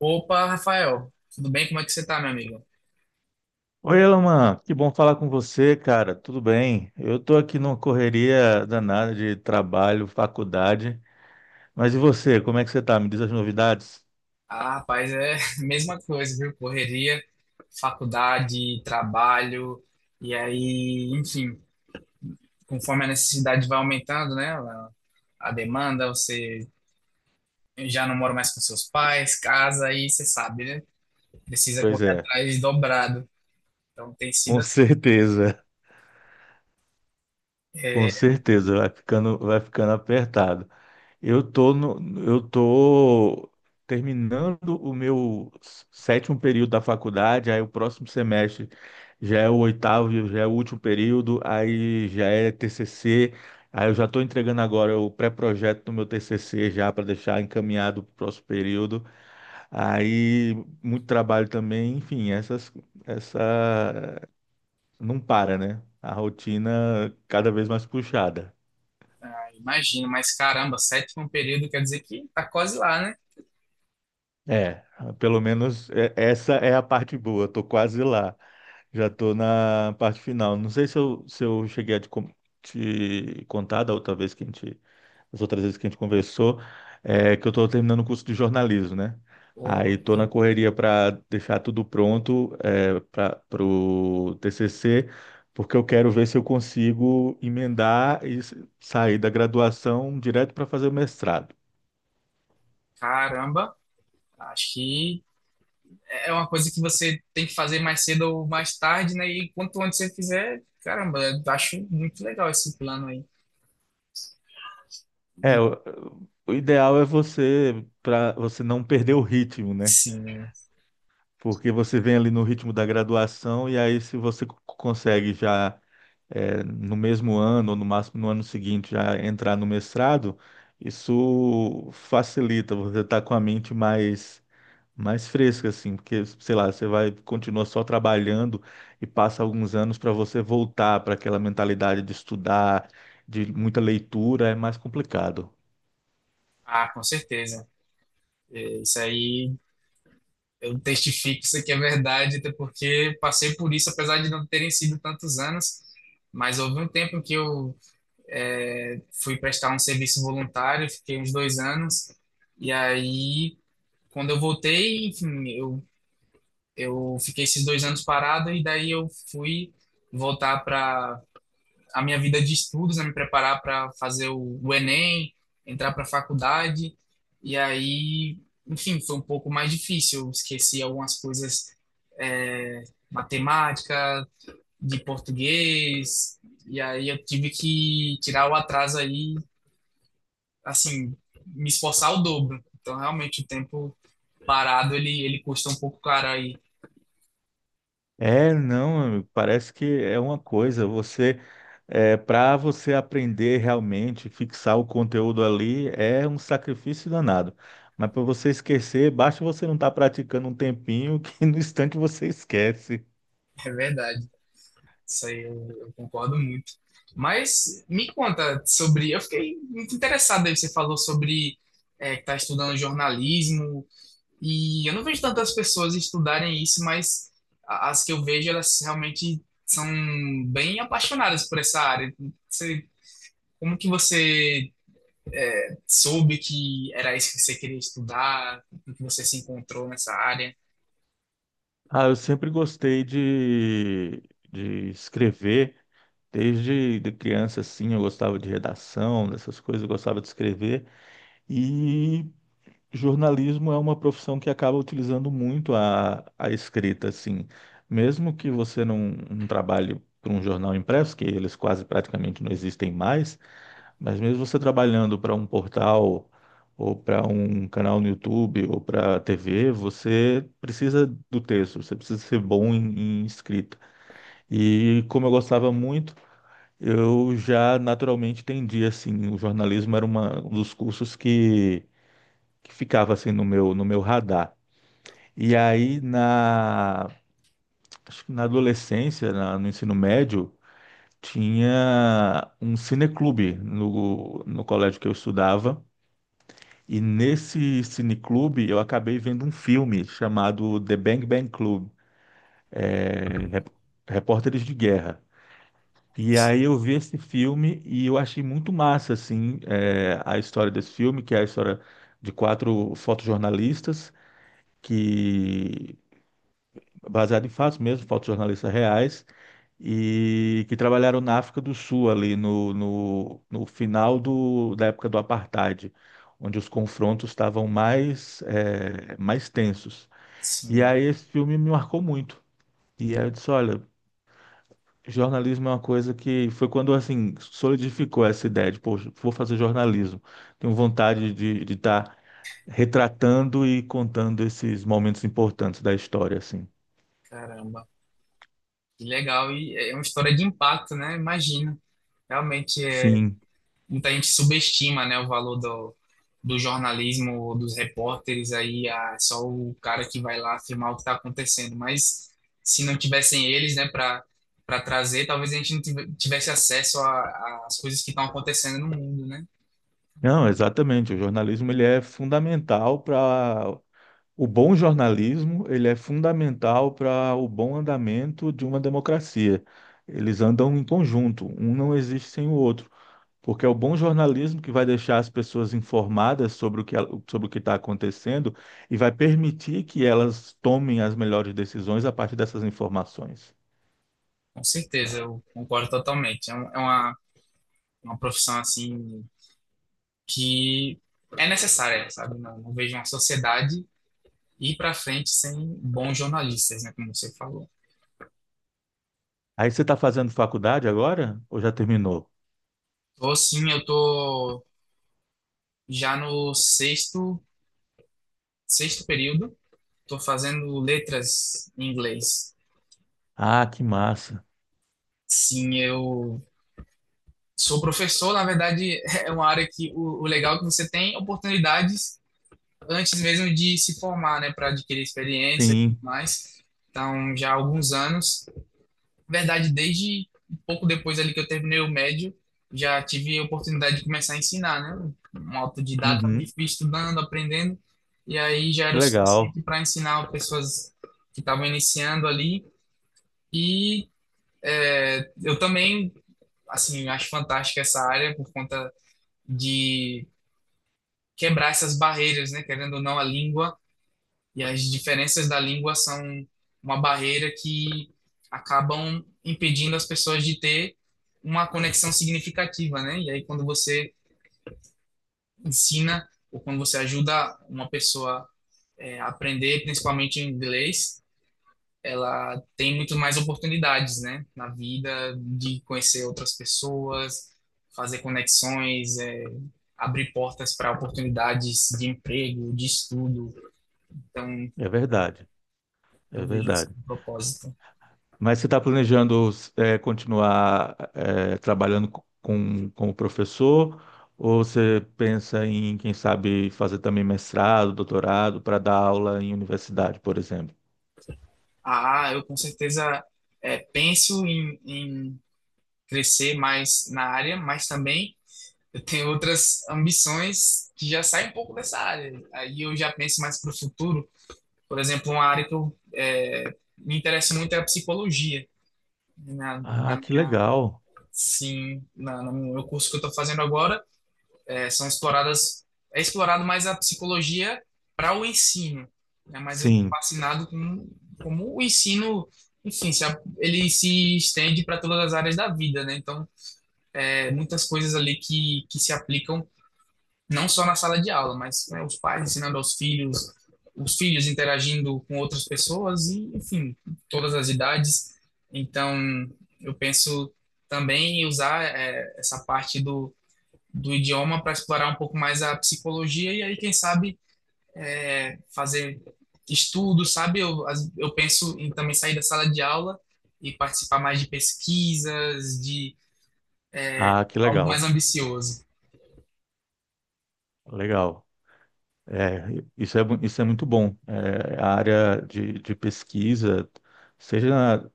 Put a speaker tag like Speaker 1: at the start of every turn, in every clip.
Speaker 1: Opa, Rafael, tudo bem? Como é que você tá, meu amigo?
Speaker 2: Oi, Elaman, que bom falar com você, cara. Tudo bem? Eu tô aqui numa correria danada de trabalho, faculdade. Mas e você? Como é que você tá? Me diz as novidades?
Speaker 1: Ah, rapaz, é a mesma coisa, viu? Correria, faculdade, trabalho, e aí, enfim, conforme a necessidade vai aumentando, né? A demanda, você já não mora mais com seus pais, casa, aí você sabe, né? Precisa
Speaker 2: Pois
Speaker 1: correr
Speaker 2: é,
Speaker 1: atrás dobrado. Então tem sido
Speaker 2: com
Speaker 1: assim.
Speaker 2: certeza, com
Speaker 1: É,
Speaker 2: certeza vai ficando apertado. Eu tô no, eu tô terminando o meu sétimo período da faculdade. Aí o próximo semestre já é o oitavo, já é o último período, aí já é TCC, aí eu já estou entregando agora o pré-projeto do meu TCC já para deixar encaminhado para o próximo período. Aí muito trabalho também, enfim, essa não para, né? A rotina cada vez mais puxada.
Speaker 1: ah, imagino, mas caramba, sétimo período quer dizer que tá quase lá, né?
Speaker 2: É, pelo menos essa é a parte boa. Eu tô quase lá. Já estou na parte final. Não sei se eu cheguei a te contar da outra vez que a gente, das outras vezes que a gente conversou, é, que eu estou terminando o curso de jornalismo, né? Aí
Speaker 1: Pô,
Speaker 2: estou na correria para deixar tudo pronto, é, para o TCC, porque eu quero ver se eu consigo emendar e sair da graduação direto para fazer o mestrado.
Speaker 1: caramba, acho que é uma coisa que você tem que fazer mais cedo ou mais tarde, né? E quanto antes você fizer, caramba, eu acho muito legal esse plano aí.
Speaker 2: É,
Speaker 1: E
Speaker 2: o, o ideal é você para você não perder o ritmo, né?
Speaker 1: sim, né?
Speaker 2: Porque você vem ali no ritmo da graduação e aí se você consegue já, é, no mesmo ano ou no máximo no ano seguinte, já entrar no mestrado, isso facilita. Você tá com a mente mais fresca assim, porque sei lá, você vai continua só trabalhando e passa alguns anos para você voltar para aquela mentalidade de estudar, de muita leitura, é mais complicado.
Speaker 1: Ah, com certeza. É, isso aí, eu testifico isso aqui é verdade, até porque passei por isso, apesar de não terem sido tantos anos. Mas houve um tempo que eu fui prestar um serviço voluntário, fiquei uns dois anos, e aí, quando eu voltei, enfim, eu fiquei esses dois anos parado e daí eu fui voltar para a minha vida de estudos, a me preparar para fazer o Enem, entrar para a faculdade. E aí, enfim, foi um pouco mais difícil. Eu esqueci algumas coisas, é, matemática, de português. E aí eu tive que tirar o atraso aí, assim, me esforçar o dobro. Então, realmente, o tempo parado, ele custa um pouco caro aí.
Speaker 2: É, não, amigo, parece que é uma coisa. Para você aprender realmente, fixar o conteúdo ali, é um sacrifício danado. Mas para você esquecer, basta você não estar praticando um tempinho que no instante você esquece.
Speaker 1: É verdade. Isso aí eu concordo muito. Mas me conta sobre. Eu fiquei muito interessado aí. Você falou sobre que está estudando jornalismo, e eu não vejo tantas pessoas estudarem isso, mas as que eu vejo, elas realmente são bem apaixonadas por essa área. Você, como que você soube que era isso que você queria estudar? Como que você se encontrou nessa área?
Speaker 2: Ah, eu sempre gostei de escrever, desde de criança, assim. Eu gostava de redação, dessas coisas, eu gostava de escrever. E jornalismo é uma profissão que acaba utilizando muito a escrita, assim. Mesmo que você não, não trabalhe para um jornal impresso, que eles quase praticamente não existem mais, mas mesmo você trabalhando para um portal, ou para um canal no YouTube, ou para TV, você precisa do texto, você precisa ser bom em, em escrita. E como eu gostava muito, eu já naturalmente tendia, assim, o jornalismo era uma, um dos cursos que ficava assim no meu radar. E aí na, Acho que na adolescência, no ensino médio, tinha um cineclube no colégio que eu estudava. E nesse cineclube eu acabei vendo um filme chamado The Bang Bang Club, é, Repórteres de Guerra. E aí eu vi esse filme e eu achei muito massa assim, é, a história desse filme, que é a história de quatro fotojornalistas que, baseado em fatos mesmo, fotos jornalistas reais, e que trabalharam na África do Sul, ali no final do, da época do apartheid, onde os confrontos estavam mais, mais tensos. E
Speaker 1: Sim,
Speaker 2: aí esse filme me marcou muito. E aí eu disse, olha, jornalismo é uma coisa que foi quando, assim, solidificou essa ideia de, poxa, vou fazer jornalismo. Tenho vontade de estar retratando e contando esses momentos importantes da história, assim.
Speaker 1: caramba. Que legal, e é uma história de impacto, né? Imagina. Realmente, é,
Speaker 2: Sim.
Speaker 1: muita gente subestima, né, o valor do, do jornalismo, ou dos repórteres aí, ah, é só o cara que vai lá afirmar o que está acontecendo. Mas se não tivessem eles, né, para trazer, talvez a gente não tivesse acesso às coisas que estão acontecendo no mundo, né?
Speaker 2: Não, exatamente. O jornalismo ele é fundamental para o bom jornalismo, ele é fundamental para o bom andamento de uma democracia. Eles andam em conjunto, um não existe sem o outro, porque é o bom jornalismo que vai deixar as pessoas informadas sobre sobre o que está acontecendo e vai permitir que elas tomem as melhores decisões a partir dessas informações.
Speaker 1: Com certeza,
Speaker 2: Então,
Speaker 1: eu concordo totalmente. É, é uma profissão, assim, que é necessária, sabe? Não, não vejo uma sociedade ir para frente sem bons jornalistas, né, como você falou.
Speaker 2: aí você está fazendo faculdade agora ou já terminou?
Speaker 1: Tô assim, eu tô já no sexto, sexto período, tô fazendo letras em inglês.
Speaker 2: Ah, que massa!
Speaker 1: Sim, eu sou professor, na verdade, é uma área que o legal é que você tem oportunidades antes mesmo de se formar, né, para adquirir experiência e tudo
Speaker 2: Sim.
Speaker 1: mais. Então, já há alguns anos. Na verdade, desde um pouco depois ali que eu terminei o médio, já tive a oportunidade de começar a ensinar, né? Um autodidata
Speaker 2: Uhum.
Speaker 1: ali, fui estudando, aprendendo, e aí já era
Speaker 2: Que
Speaker 1: o
Speaker 2: legal.
Speaker 1: suficiente para ensinar pessoas que estavam iniciando ali. E é, eu também, assim, acho fantástica essa área por conta de quebrar essas barreiras, né? Querendo ou não, a língua e as diferenças da língua são uma barreira que acabam impedindo as pessoas de ter uma conexão significativa, né? E aí quando você ensina ou quando você ajuda uma pessoa a aprender, principalmente em inglês, ela tem muito mais oportunidades, né? Na vida de conhecer outras pessoas, fazer conexões, é, abrir portas para oportunidades de emprego, de estudo. Então
Speaker 2: É verdade, é
Speaker 1: eu vejo isso
Speaker 2: verdade.
Speaker 1: como propósito.
Speaker 2: Mas você está planejando, é, continuar, é, trabalhando como professor, ou você pensa em, quem sabe, fazer também mestrado, doutorado, para dar aula em universidade, por exemplo?
Speaker 1: Ah, eu com certeza penso em crescer mais na área, mas também eu tenho outras ambições que já saem um pouco dessa área. Aí eu já penso mais para o futuro. Por exemplo, uma área que eu me interesso muito é a psicologia. Né?
Speaker 2: Ah,
Speaker 1: Na
Speaker 2: que
Speaker 1: minha,
Speaker 2: legal.
Speaker 1: sim, na, no meu curso que eu estou fazendo agora, é, são exploradas, é explorado mais a psicologia para o ensino, né? Mas eu tô
Speaker 2: Sim.
Speaker 1: fascinado com como o ensino, enfim, se ele se estende para todas as áreas da vida, né? Então, é, muitas coisas ali que se aplicam não só na sala de aula, mas né, os pais ensinando aos filhos, os filhos interagindo com outras pessoas e, enfim, todas as idades. Então, eu penso também em usar é, essa parte do do idioma para explorar um pouco mais a psicologia e aí, quem sabe, é, fazer estudos sabe? Eu penso em também sair da sala de aula e participar mais de pesquisas, de
Speaker 2: Ah, que
Speaker 1: algo
Speaker 2: legal.
Speaker 1: mais ambicioso.
Speaker 2: Legal. É, isso é, isso é muito bom. É, a área de pesquisa, seja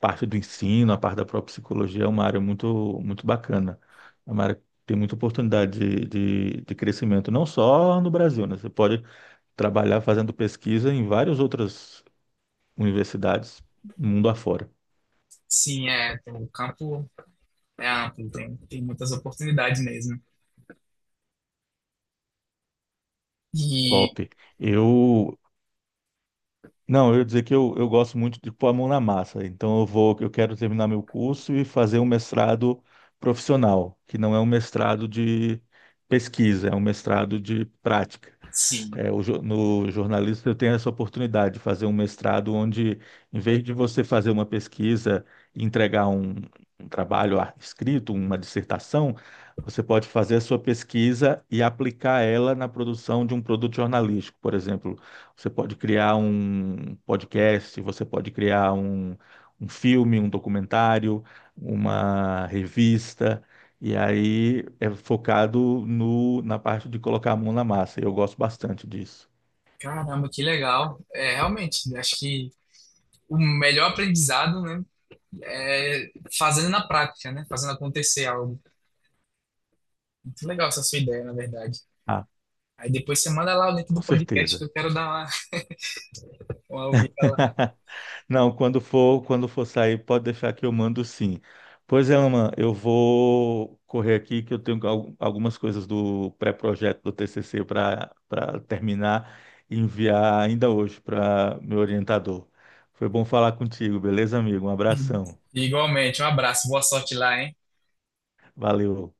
Speaker 2: parte do ensino, a parte da própria psicologia, é uma área muito, muito bacana. É uma área que tem muita oportunidade de, de crescimento, não só no Brasil, né? Você pode trabalhar fazendo pesquisa em várias outras universidades, mundo afora.
Speaker 1: Sim, é, o campo é amplo, tem muitas oportunidades mesmo. E,
Speaker 2: Top. Eu. Não, eu ia dizer que eu gosto muito de pôr a mão na massa. Então eu vou, eu quero terminar meu curso e fazer um mestrado profissional, que não é um mestrado de pesquisa, é um mestrado de prática.
Speaker 1: sim,
Speaker 2: É, o no jornalista eu tenho essa oportunidade de fazer um mestrado onde, em vez de você fazer uma pesquisa e entregar um trabalho escrito, uma dissertação, você pode fazer a sua pesquisa e aplicar ela na produção de um produto jornalístico. Por exemplo, você pode criar um podcast, você pode criar um filme, um documentário, uma revista. E aí é focado no, na parte de colocar a mão na massa. E eu gosto bastante disso.
Speaker 1: caramba, que legal. É, realmente, acho que o melhor aprendizado, né, é fazendo na prática, né, fazendo acontecer algo. Muito legal essa sua ideia, na verdade.
Speaker 2: Ah,
Speaker 1: Aí depois você manda lá o link
Speaker 2: com
Speaker 1: do podcast que
Speaker 2: certeza.
Speaker 1: eu quero dar uma ouvida lá.
Speaker 2: Não, quando for, quando for sair, pode deixar que eu mando sim. Pois é, Aman, eu vou correr aqui que eu tenho algumas coisas do pré-projeto do TCC para para terminar e enviar ainda hoje para meu orientador. Foi bom falar contigo, beleza, amigo? Um abração.
Speaker 1: Igualmente, um abraço, boa sorte lá, hein?
Speaker 2: Valeu.